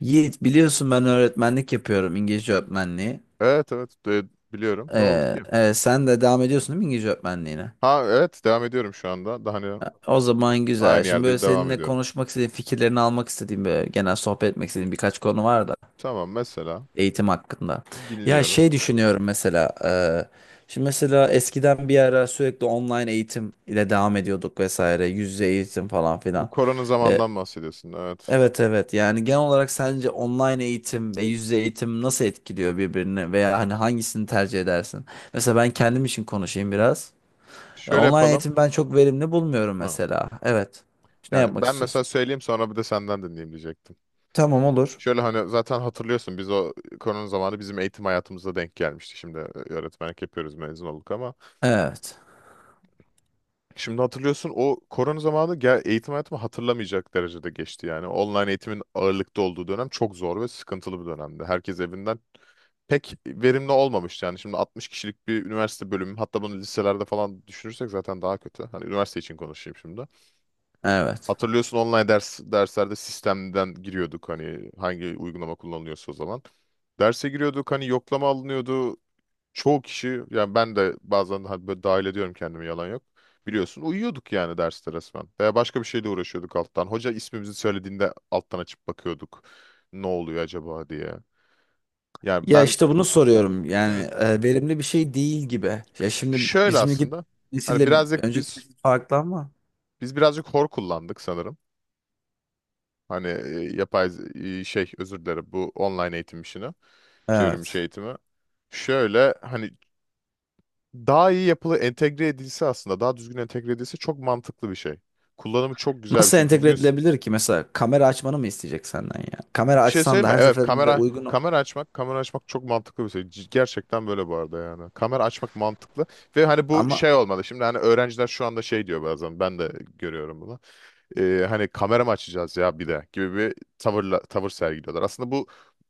Yiğit biliyorsun ben öğretmenlik yapıyorum İngilizce öğretmenliği. Evet, evet, biliyorum. Ne oldu ki? Evet, sen de devam ediyorsun değil mi İngilizce öğretmenliğine? Ha, evet, devam ediyorum şu anda. Daha hani O zaman güzel. aynı Şimdi böyle yerde devam seninle ediyorum. konuşmak istediğim, fikirlerini almak istediğim, böyle genel sohbet etmek istediğim birkaç konu var da Tamam, mesela eğitim hakkında. Ya dinliyorum. şey düşünüyorum mesela. Şimdi mesela eskiden bir ara sürekli online eğitim ile devam ediyorduk vesaire, yüz yüze eğitim falan Bu filan. korona zamandan bahsediyorsun. Evet. Evet evet, yani genel olarak sence online eğitim ve yüz yüze eğitim nasıl etkiliyor birbirini veya hani hangisini tercih edersin? Mesela ben kendim için konuşayım biraz. Şöyle Online yapalım. eğitim ben çok verimli bulmuyorum Ha. mesela. Evet. Ne Yani yapmak ben mesela istiyorsun? söyleyeyim, sonra bir de senden dinleyeyim diyecektim. Tamam olur. Şöyle hani zaten hatırlıyorsun, biz o korona zamanı bizim eğitim hayatımıza denk gelmişti. Şimdi öğretmenlik yapıyoruz, mezun olduk ama. Evet. Şimdi hatırlıyorsun, o korona zamanı gel eğitim hayatımı hatırlamayacak derecede geçti yani. Online eğitimin ağırlıkta olduğu dönem çok zor ve sıkıntılı bir dönemdi. Herkes evinden pek verimli olmamıştı. Yani şimdi 60 kişilik bir üniversite bölümü, hatta bunu liselerde falan düşünürsek zaten daha kötü. Hani üniversite için konuşayım şimdi. Evet. Hatırlıyorsun, online derslerde sistemden giriyorduk, hani hangi uygulama kullanılıyorsa o zaman. Derse giriyorduk, hani yoklama alınıyordu. Çoğu kişi, yani ben de bazen hani böyle dahil ediyorum kendimi, yalan yok. Biliyorsun uyuyorduk yani derste resmen. Veya başka bir şeyle uğraşıyorduk alttan. Hoca ismimizi söylediğinde alttan açıp bakıyorduk. Ne oluyor acaba diye. Yani Ya ben. işte bunu soruyorum hmm, yani verimli bir şey değil gibi. Ya şimdi Şöyle bizimki aslında hani nesille birazcık önceki biz nesil farklı ama. biz birazcık hor kullandık sanırım. Hani şey, özür dilerim, bu online eğitim işini, çevrim içi Evet. eğitimi. Şöyle hani daha iyi yapılı entegre edilse, aslında daha düzgün entegre edilse çok mantıklı bir şey. Kullanımı çok güzel bir Nasıl şey. entegre Düzgün s- edilebilir ki? Mesela kamera açmanı mı isteyecek senden ya? Kamera bir şey açsan söyleyeyim da mi? her Evet, seferinde kamera uygun. kamera açmak, kamera açmak çok mantıklı bir şey. Gerçekten böyle bu arada yani. Kamera açmak mantıklı ve hani bu Ama şey olmalı. Şimdi hani öğrenciler şu anda şey diyor bazen, ben de görüyorum bunu. Hani kamera mı açacağız ya bir de gibi bir tavırla, tavır sergiliyorlar. Aslında bu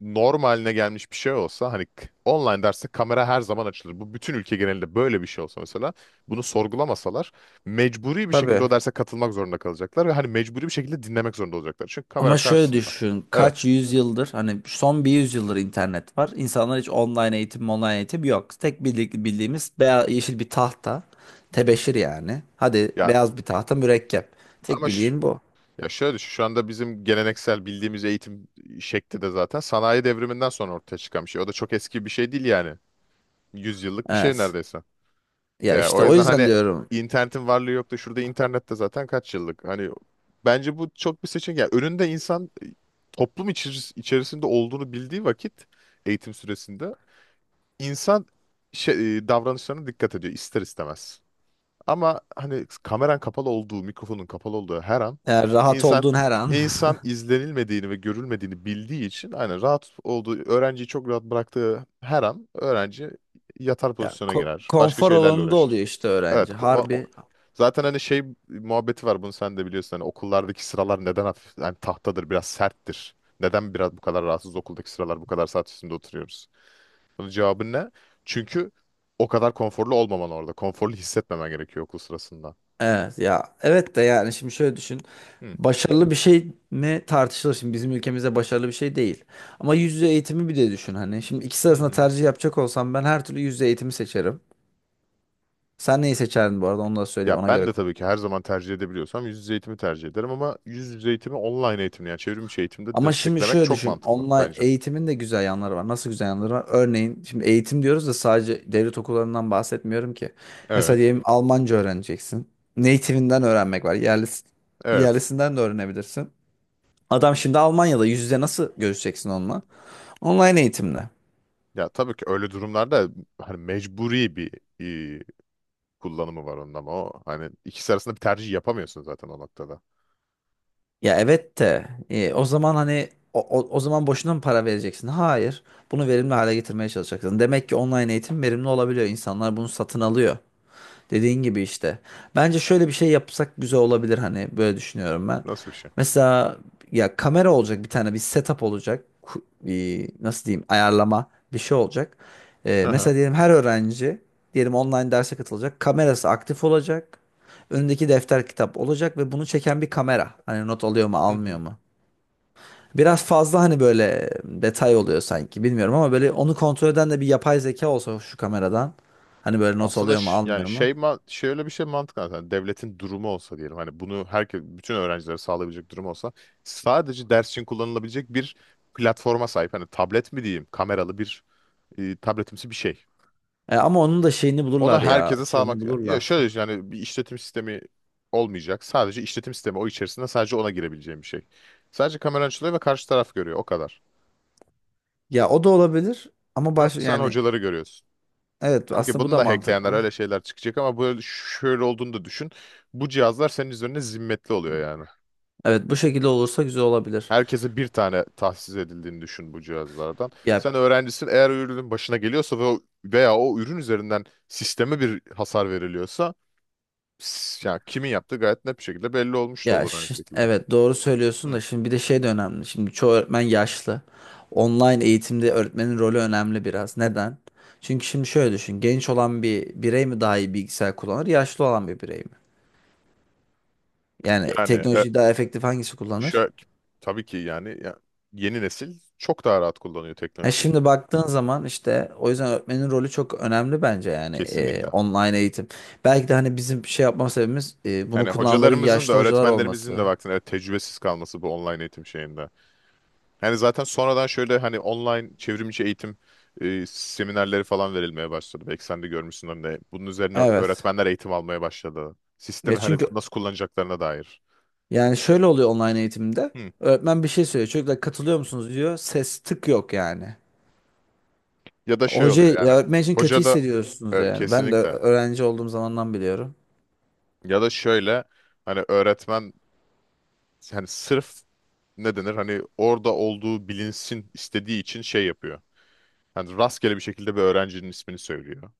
normaline gelmiş bir şey olsa, hani online derste kamera her zaman açılır. Bu bütün ülke genelinde böyle bir şey olsa mesela, bunu sorgulamasalar, mecburi bir şekilde tabii. o derse katılmak zorunda kalacaklar ve hani mecburi bir şekilde dinlemek zorunda olacaklar. Çünkü kamera Ama şöyle karşısında. düşün. Evet. Kaç yüzyıldır hani son bir yüzyıldır internet var. İnsanlar hiç online eğitim, online eğitim yok. Tek bildiğimiz beyaz, yeşil bir tahta. Tebeşir yani. Hadi Ya beyaz bir tahta mürekkep. Tek ama ş- bildiğin bu. ya şöyle düşün, şu anda bizim geleneksel bildiğimiz eğitim şekli de zaten sanayi devriminden sonra ortaya çıkan bir şey. O da çok eski bir şey değil yani. 100 yıllık bir şey Evet. neredeyse. Ya Ya işte o o yüzden yüzden hani, diyorum. internetin varlığı yok da şurada, internette zaten kaç yıllık. Hani bence bu çok bir seçenek. Yani önünde insan toplum içerisinde olduğunu bildiği vakit, eğitim süresinde insan şey, davranışlarına dikkat ediyor ister istemez. Ama hani kameran kapalı olduğu, mikrofonun kapalı olduğu her an Eğer rahat insan olduğun her an insan izlenilmediğini ve görülmediğini bildiği için, aynen rahat olduğu, öğrenciyi çok rahat bıraktığı her an öğrenci yatar ya, pozisyona girer. Başka konfor şeylerle alanında uğraşır. oluyor işte Evet, öğrenci. Harbi zaten hani şey muhabbeti var, bunu sen de biliyorsun, hani okullardaki sıralar neden hafif hani tahtadır, biraz serttir. Neden biraz bu kadar rahatsız okuldaki sıralar, bu kadar saat üstünde oturuyoruz? Bunun cevabı ne? Çünkü o kadar konforlu olmaman orada. Konforlu hissetmemen gerekiyor okul sırasında. evet ya, evet de yani şimdi şöyle düşün. Hı. Başarılı bir şey mi tartışılır, şimdi bizim ülkemizde başarılı bir şey değil. Ama yüz yüze eğitimi bir de düşün hani. Şimdi ikisi Hı arasında hı. tercih yapacak olsam ben her türlü yüz yüze eğitimi seçerim. Sen neyi seçerdin bu arada, onu da Ya söyleyeyim ona ben göre. de tabii ki her zaman tercih edebiliyorsam yüz yüze eğitimi tercih ederim, ama yüz yüze eğitimi online eğitimle, yani çevrim içi eğitimde Ama şimdi desteklemek şöyle çok düşün. mantıklı Online bence. eğitimin de güzel yanları var. Nasıl güzel yanları var? Örneğin şimdi eğitim diyoruz da sadece devlet okullarından bahsetmiyorum ki. Mesela Evet. diyelim Almanca öğreneceksin. Native'inden öğrenmek var. Evet. Yerlisinden de öğrenebilirsin. Adam şimdi Almanya'da, yüz yüze nasıl görüşeceksin onunla? Online eğitimle. Ya tabii ki öyle durumlarda hani mecburi bir e, kullanımı var onun, ama o hani ikisi arasında bir tercih yapamıyorsun zaten o noktada. Ya evet de o zaman hani o zaman boşuna mı para vereceksin? Hayır. Bunu verimli hale getirmeye çalışacaksın. Demek ki online eğitim verimli olabiliyor. İnsanlar bunu satın alıyor. Dediğin gibi işte. Bence şöyle bir şey yapsak güzel olabilir, hani böyle düşünüyorum ben. Nasıl bir şey? Mesela ya kamera olacak, bir tane bir setup olacak. Bir, nasıl diyeyim ayarlama bir şey olacak. Hı hı. Mesela diyelim her öğrenci diyelim online derse katılacak. Kamerası aktif olacak. Önündeki defter kitap olacak ve bunu çeken bir kamera. Hani not alıyor mu Hı almıyor hı. mu? Biraz fazla hani böyle detay oluyor sanki bilmiyorum, ama böyle onu kontrol eden de bir yapay zeka olsa şu kameradan. Hani böyle not Aslında alıyor mu almıyor yani mu? Şöyle bir şey mantıklı aslında. Devletin durumu olsa diyelim, hani bunu herkes, bütün öğrencilere sağlayabilecek durum olsa, sadece ders için kullanılabilecek bir platforma sahip hani, tablet mi diyeyim, kameralı bir tabletimsi bir şey. Ama onun da şeyini Ona bulurlar ya. herkese Açığını sağlamak, ya bulurlar. şöyle düşün, yani bir işletim sistemi olmayacak. Sadece işletim sistemi o, içerisinde sadece ona girebileceğim bir şey. Sadece kamera açılıyor ve karşı taraf görüyor, o kadar. Ya o da olabilir ama Ya sen yani hocaları görüyorsun. evet, Tabii ki aslında bu bunu da da hackleyenler, mantıklı. öyle şeyler çıkacak, ama böyle şöyle olduğunu da düşün. Bu cihazlar senin üzerine zimmetli oluyor yani. Evet, bu şekilde olursa güzel olabilir. Herkese bir tane tahsis edildiğini düşün bu cihazlardan. Ya Sen öğrencisin, eğer o ürünün başına geliyorsa ve o, veya o ürün üzerinden sisteme bir hasar veriliyorsa, ya kimin yaptığı gayet net bir şekilde belli olmuş da olur aynı şekilde. evet, doğru söylüyorsun Hı. da şimdi bir de şey de önemli. Şimdi çoğu öğretmen yaşlı. Online eğitimde öğretmenin rolü önemli biraz. Neden? Çünkü şimdi şöyle düşün. Genç olan bir birey mi daha iyi bilgisayar kullanır, yaşlı olan bir birey mi? Yani Yani teknolojiyi daha efektif hangisi kullanır? şöyle, tabii ki yani ya, yeni nesil çok daha rahat kullanıyor E teknolojiyi. şimdi baktığın zaman işte o yüzden öğretmenin rolü çok önemli bence yani Kesinlikle. online eğitim. Belki de hani bizim şey yapma sebebimiz bunu Hani kullananların hocalarımızın da, yaşlı hocalar öğretmenlerimizin de olması. baktığında, evet, tecrübesiz kalması bu online eğitim şeyinde. Hani zaten sonradan, şöyle hani online çevrimiçi eğitim seminerleri falan verilmeye başladı. Belki sen de görmüşsün de, bunun üzerine Evet. öğretmenler eğitim almaya başladı. Ya Sistemi hani çünkü nasıl kullanacaklarına dair. yani şöyle oluyor online eğitimde. Hı. Öğretmen bir şey söylüyor. Çocuklar katılıyor musunuz diyor. Ses tık yok yani. Ya da şey Hoca oluyor ya yani, öğretmen için kötü hoca da hissediyorsunuz yani. Ben de kesinlikle, öğrenci olduğum zamandan biliyorum. ya da şöyle hani, öğretmen hani sırf, ne denir, hani orada olduğu bilinsin istediği için şey yapıyor. Yani rastgele bir şekilde bir öğrencinin ismini söylüyor.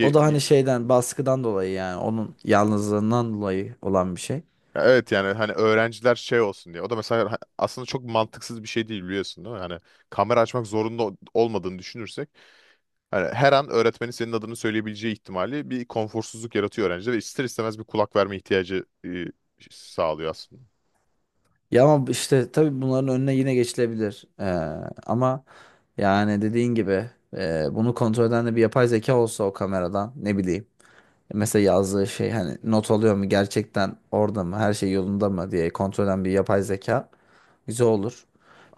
O da y- hani şeyden baskıdan dolayı yani, onun yalnızlığından dolayı olan bir şey. evet, yani hani öğrenciler şey olsun diye. O da mesela aslında çok mantıksız bir şey değil, biliyorsun değil mi? Yani kamera açmak zorunda olmadığını düşünürsek, hani her an öğretmenin senin adını söyleyebileceği ihtimali bir konforsuzluk yaratıyor öğrencide ve ister istemez bir kulak verme ihtiyacı sağlıyor aslında. Ya ama işte tabii bunların önüne yine geçilebilir. Ama yani dediğin gibi bunu kontrol eden de bir yapay zeka olsa o kameradan ne bileyim. Mesela yazdığı şey hani not alıyor mu gerçekten, orada mı, her şey yolunda mı diye kontrol eden bir yapay zeka güzel olur.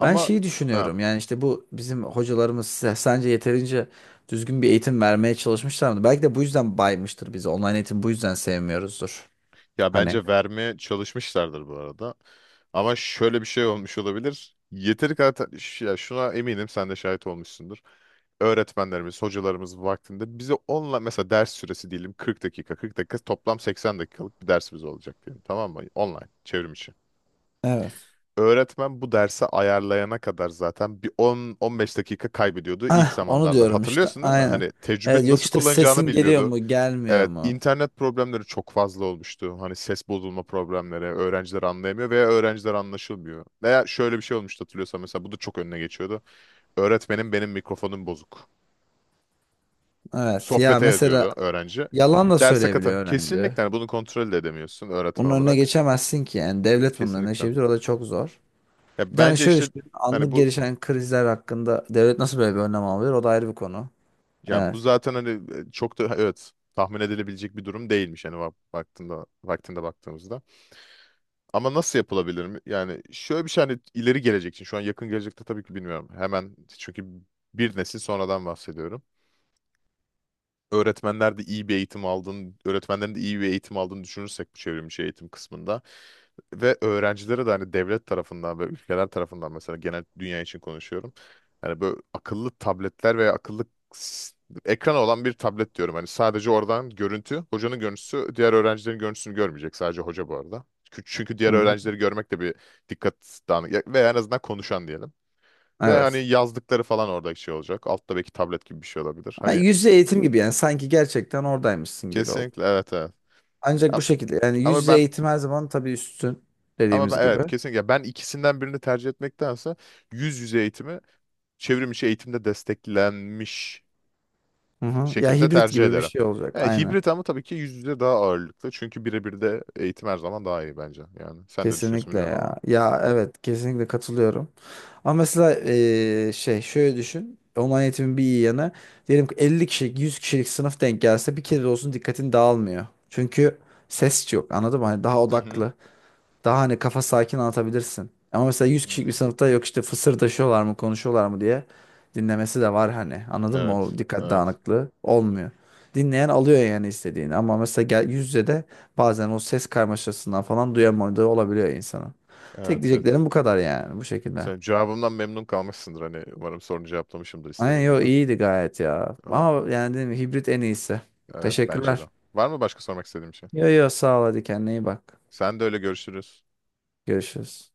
Ben şeyi ha, düşünüyorum yani, işte bu bizim hocalarımız sence yeterince düzgün bir eğitim vermeye çalışmışlar mı? Belki de bu yüzden baymıştır bizi online eğitim, bu yüzden sevmiyoruzdur. ya Hani. bence vermeye çalışmışlardır bu arada. Ama şöyle bir şey olmuş olabilir. Yeteri kadar ya, şuna eminim sen de şahit olmuşsundur. Öğretmenlerimiz, hocalarımız vaktinde bize onunla, mesela ders süresi diyelim 40 dakika, 40 dakika, toplam 80 dakikalık bir dersimiz olacak diyelim, tamam mı? Online, çevrim içi. Evet. Öğretmen bu dersi ayarlayana kadar zaten bir 10-15 dakika kaybediyordu ilk Ah, onu zamanlarda. diyorum işte. Hatırlıyorsun değil mi? Aynen. Hani Evet, tecrübeli, yok nasıl işte kullanacağını sesin geliyor bilmiyordu. mu, gelmiyor Evet, mu? internet problemleri çok fazla olmuştu. Hani ses bozulma problemleri, öğrenciler anlayamıyor veya öğrenciler anlaşılmıyor. Veya şöyle bir şey olmuştu hatırlıyorsan, mesela bu da çok önüne geçiyordu. Öğretmenim benim mikrofonum bozuk. Evet. Ya Sohbete mesela yazıyordu öğrenci. yalan da Derse katı. söyleyebiliyor öğrenci. Kesinlikle, hani bunu kontrol de edemiyorsun Bunun öğretmen önüne olarak. geçemezsin ki. Yani devlet bunun önüne Kesinlikle. geçebilir. O da çok zor. Ya Bir tane bence şöyle işte düşün. hani Anlık bu, gelişen krizler hakkında devlet nasıl böyle bir önlem alıyor? O da ayrı bir konu. ya bu Evet. zaten hani çok da, evet, tahmin edilebilecek bir durum değilmiş hani, baktığında, vaktinde baktığımızda. Ama nasıl yapılabilir mi? Yani şöyle bir şey, hani ileri gelecek için, şu an yakın gelecekte tabii ki bilmiyorum. Hemen, çünkü bir nesil sonradan bahsediyorum. Öğretmenler de iyi bir eğitim aldığını, öğretmenlerin de iyi bir eğitim aldığını düşünürsek bu çevrimiçi eğitim kısmında, ve öğrencilere de hani devlet tarafından ve ülkeler tarafından, mesela genel dünya için konuşuyorum. Hani böyle akıllı tabletler veya akıllı s- ekranı olan bir tablet diyorum. Hani sadece oradan görüntü, hocanın görüntüsü, diğer öğrencilerin görüntüsünü görmeyecek, sadece hoca bu arada. Çünkü Hı diğer hı. öğrencileri görmek de bir dikkat dağınık, veya en azından konuşan diyelim. Ve hani Evet. yazdıkları falan orada şey olacak. Altta belki tablet gibi bir şey olabilir. Ha, Hani yüz yüze eğitim gibi yani, sanki gerçekten oradaymışsın gibi oldu. kesinlikle, evet, evet. Ancak A- bu şekilde yani yüz Ama yüze ben, eğitim her zaman tabii üstün, dediğimiz evet gibi. kesinlikle, ben ikisinden birini tercih etmektense yüz yüze eğitimi çevrim içi eğitimde desteklenmiş Hı hı. Ya şekilde hibrit tercih gibi bir ederim. şey olacak. Yani Aynen. hibrit, ama tabii ki yüz yüze daha ağırlıklı. Çünkü birebir de eğitim her zaman daha iyi bence. Yani sen ne düşünüyorsun Kesinlikle bilmiyorum ya. ama. Ya evet, kesinlikle katılıyorum. Ama mesela şey şöyle düşün. Online eğitimin bir iyi yanı. Diyelim ki 50 kişilik, 100 kişilik sınıf denk gelse bir kere de olsun, dikkatin dağılmıyor. Çünkü ses yok, anladın mı? Hani daha Hı hı. odaklı. Daha hani kafa sakin anlatabilirsin. Ama mesela yüz kişilik bir Hmm. sınıfta yok işte fısırdaşıyorlar mı, konuşuyorlar mı diye dinlemesi de var hani. Anladın mı? Evet, O dikkat evet, dağınıklığı olmuyor. Dinleyen alıyor yani istediğini. Ama mesela gel, yüz yüze de bazen o ses karmaşasından falan duyamadığı olabiliyor insanın. Tek evet, evet. diyeceklerim bu kadar yani, bu şekilde. Sen cevabımdan memnun kalmışsındır, hani umarım sorunu cevaplamışımdır Aynen, istediğin yo gibi. iyiydi gayet ya. Ama Ama yani dedim, hibrit en iyisi. evet, bence de. Teşekkürler. Var mı başka sormak istediğim şey? Yo yo, sağ ol, hadi kendine iyi bak. Sen de öyle, görüşürüz. Görüşürüz.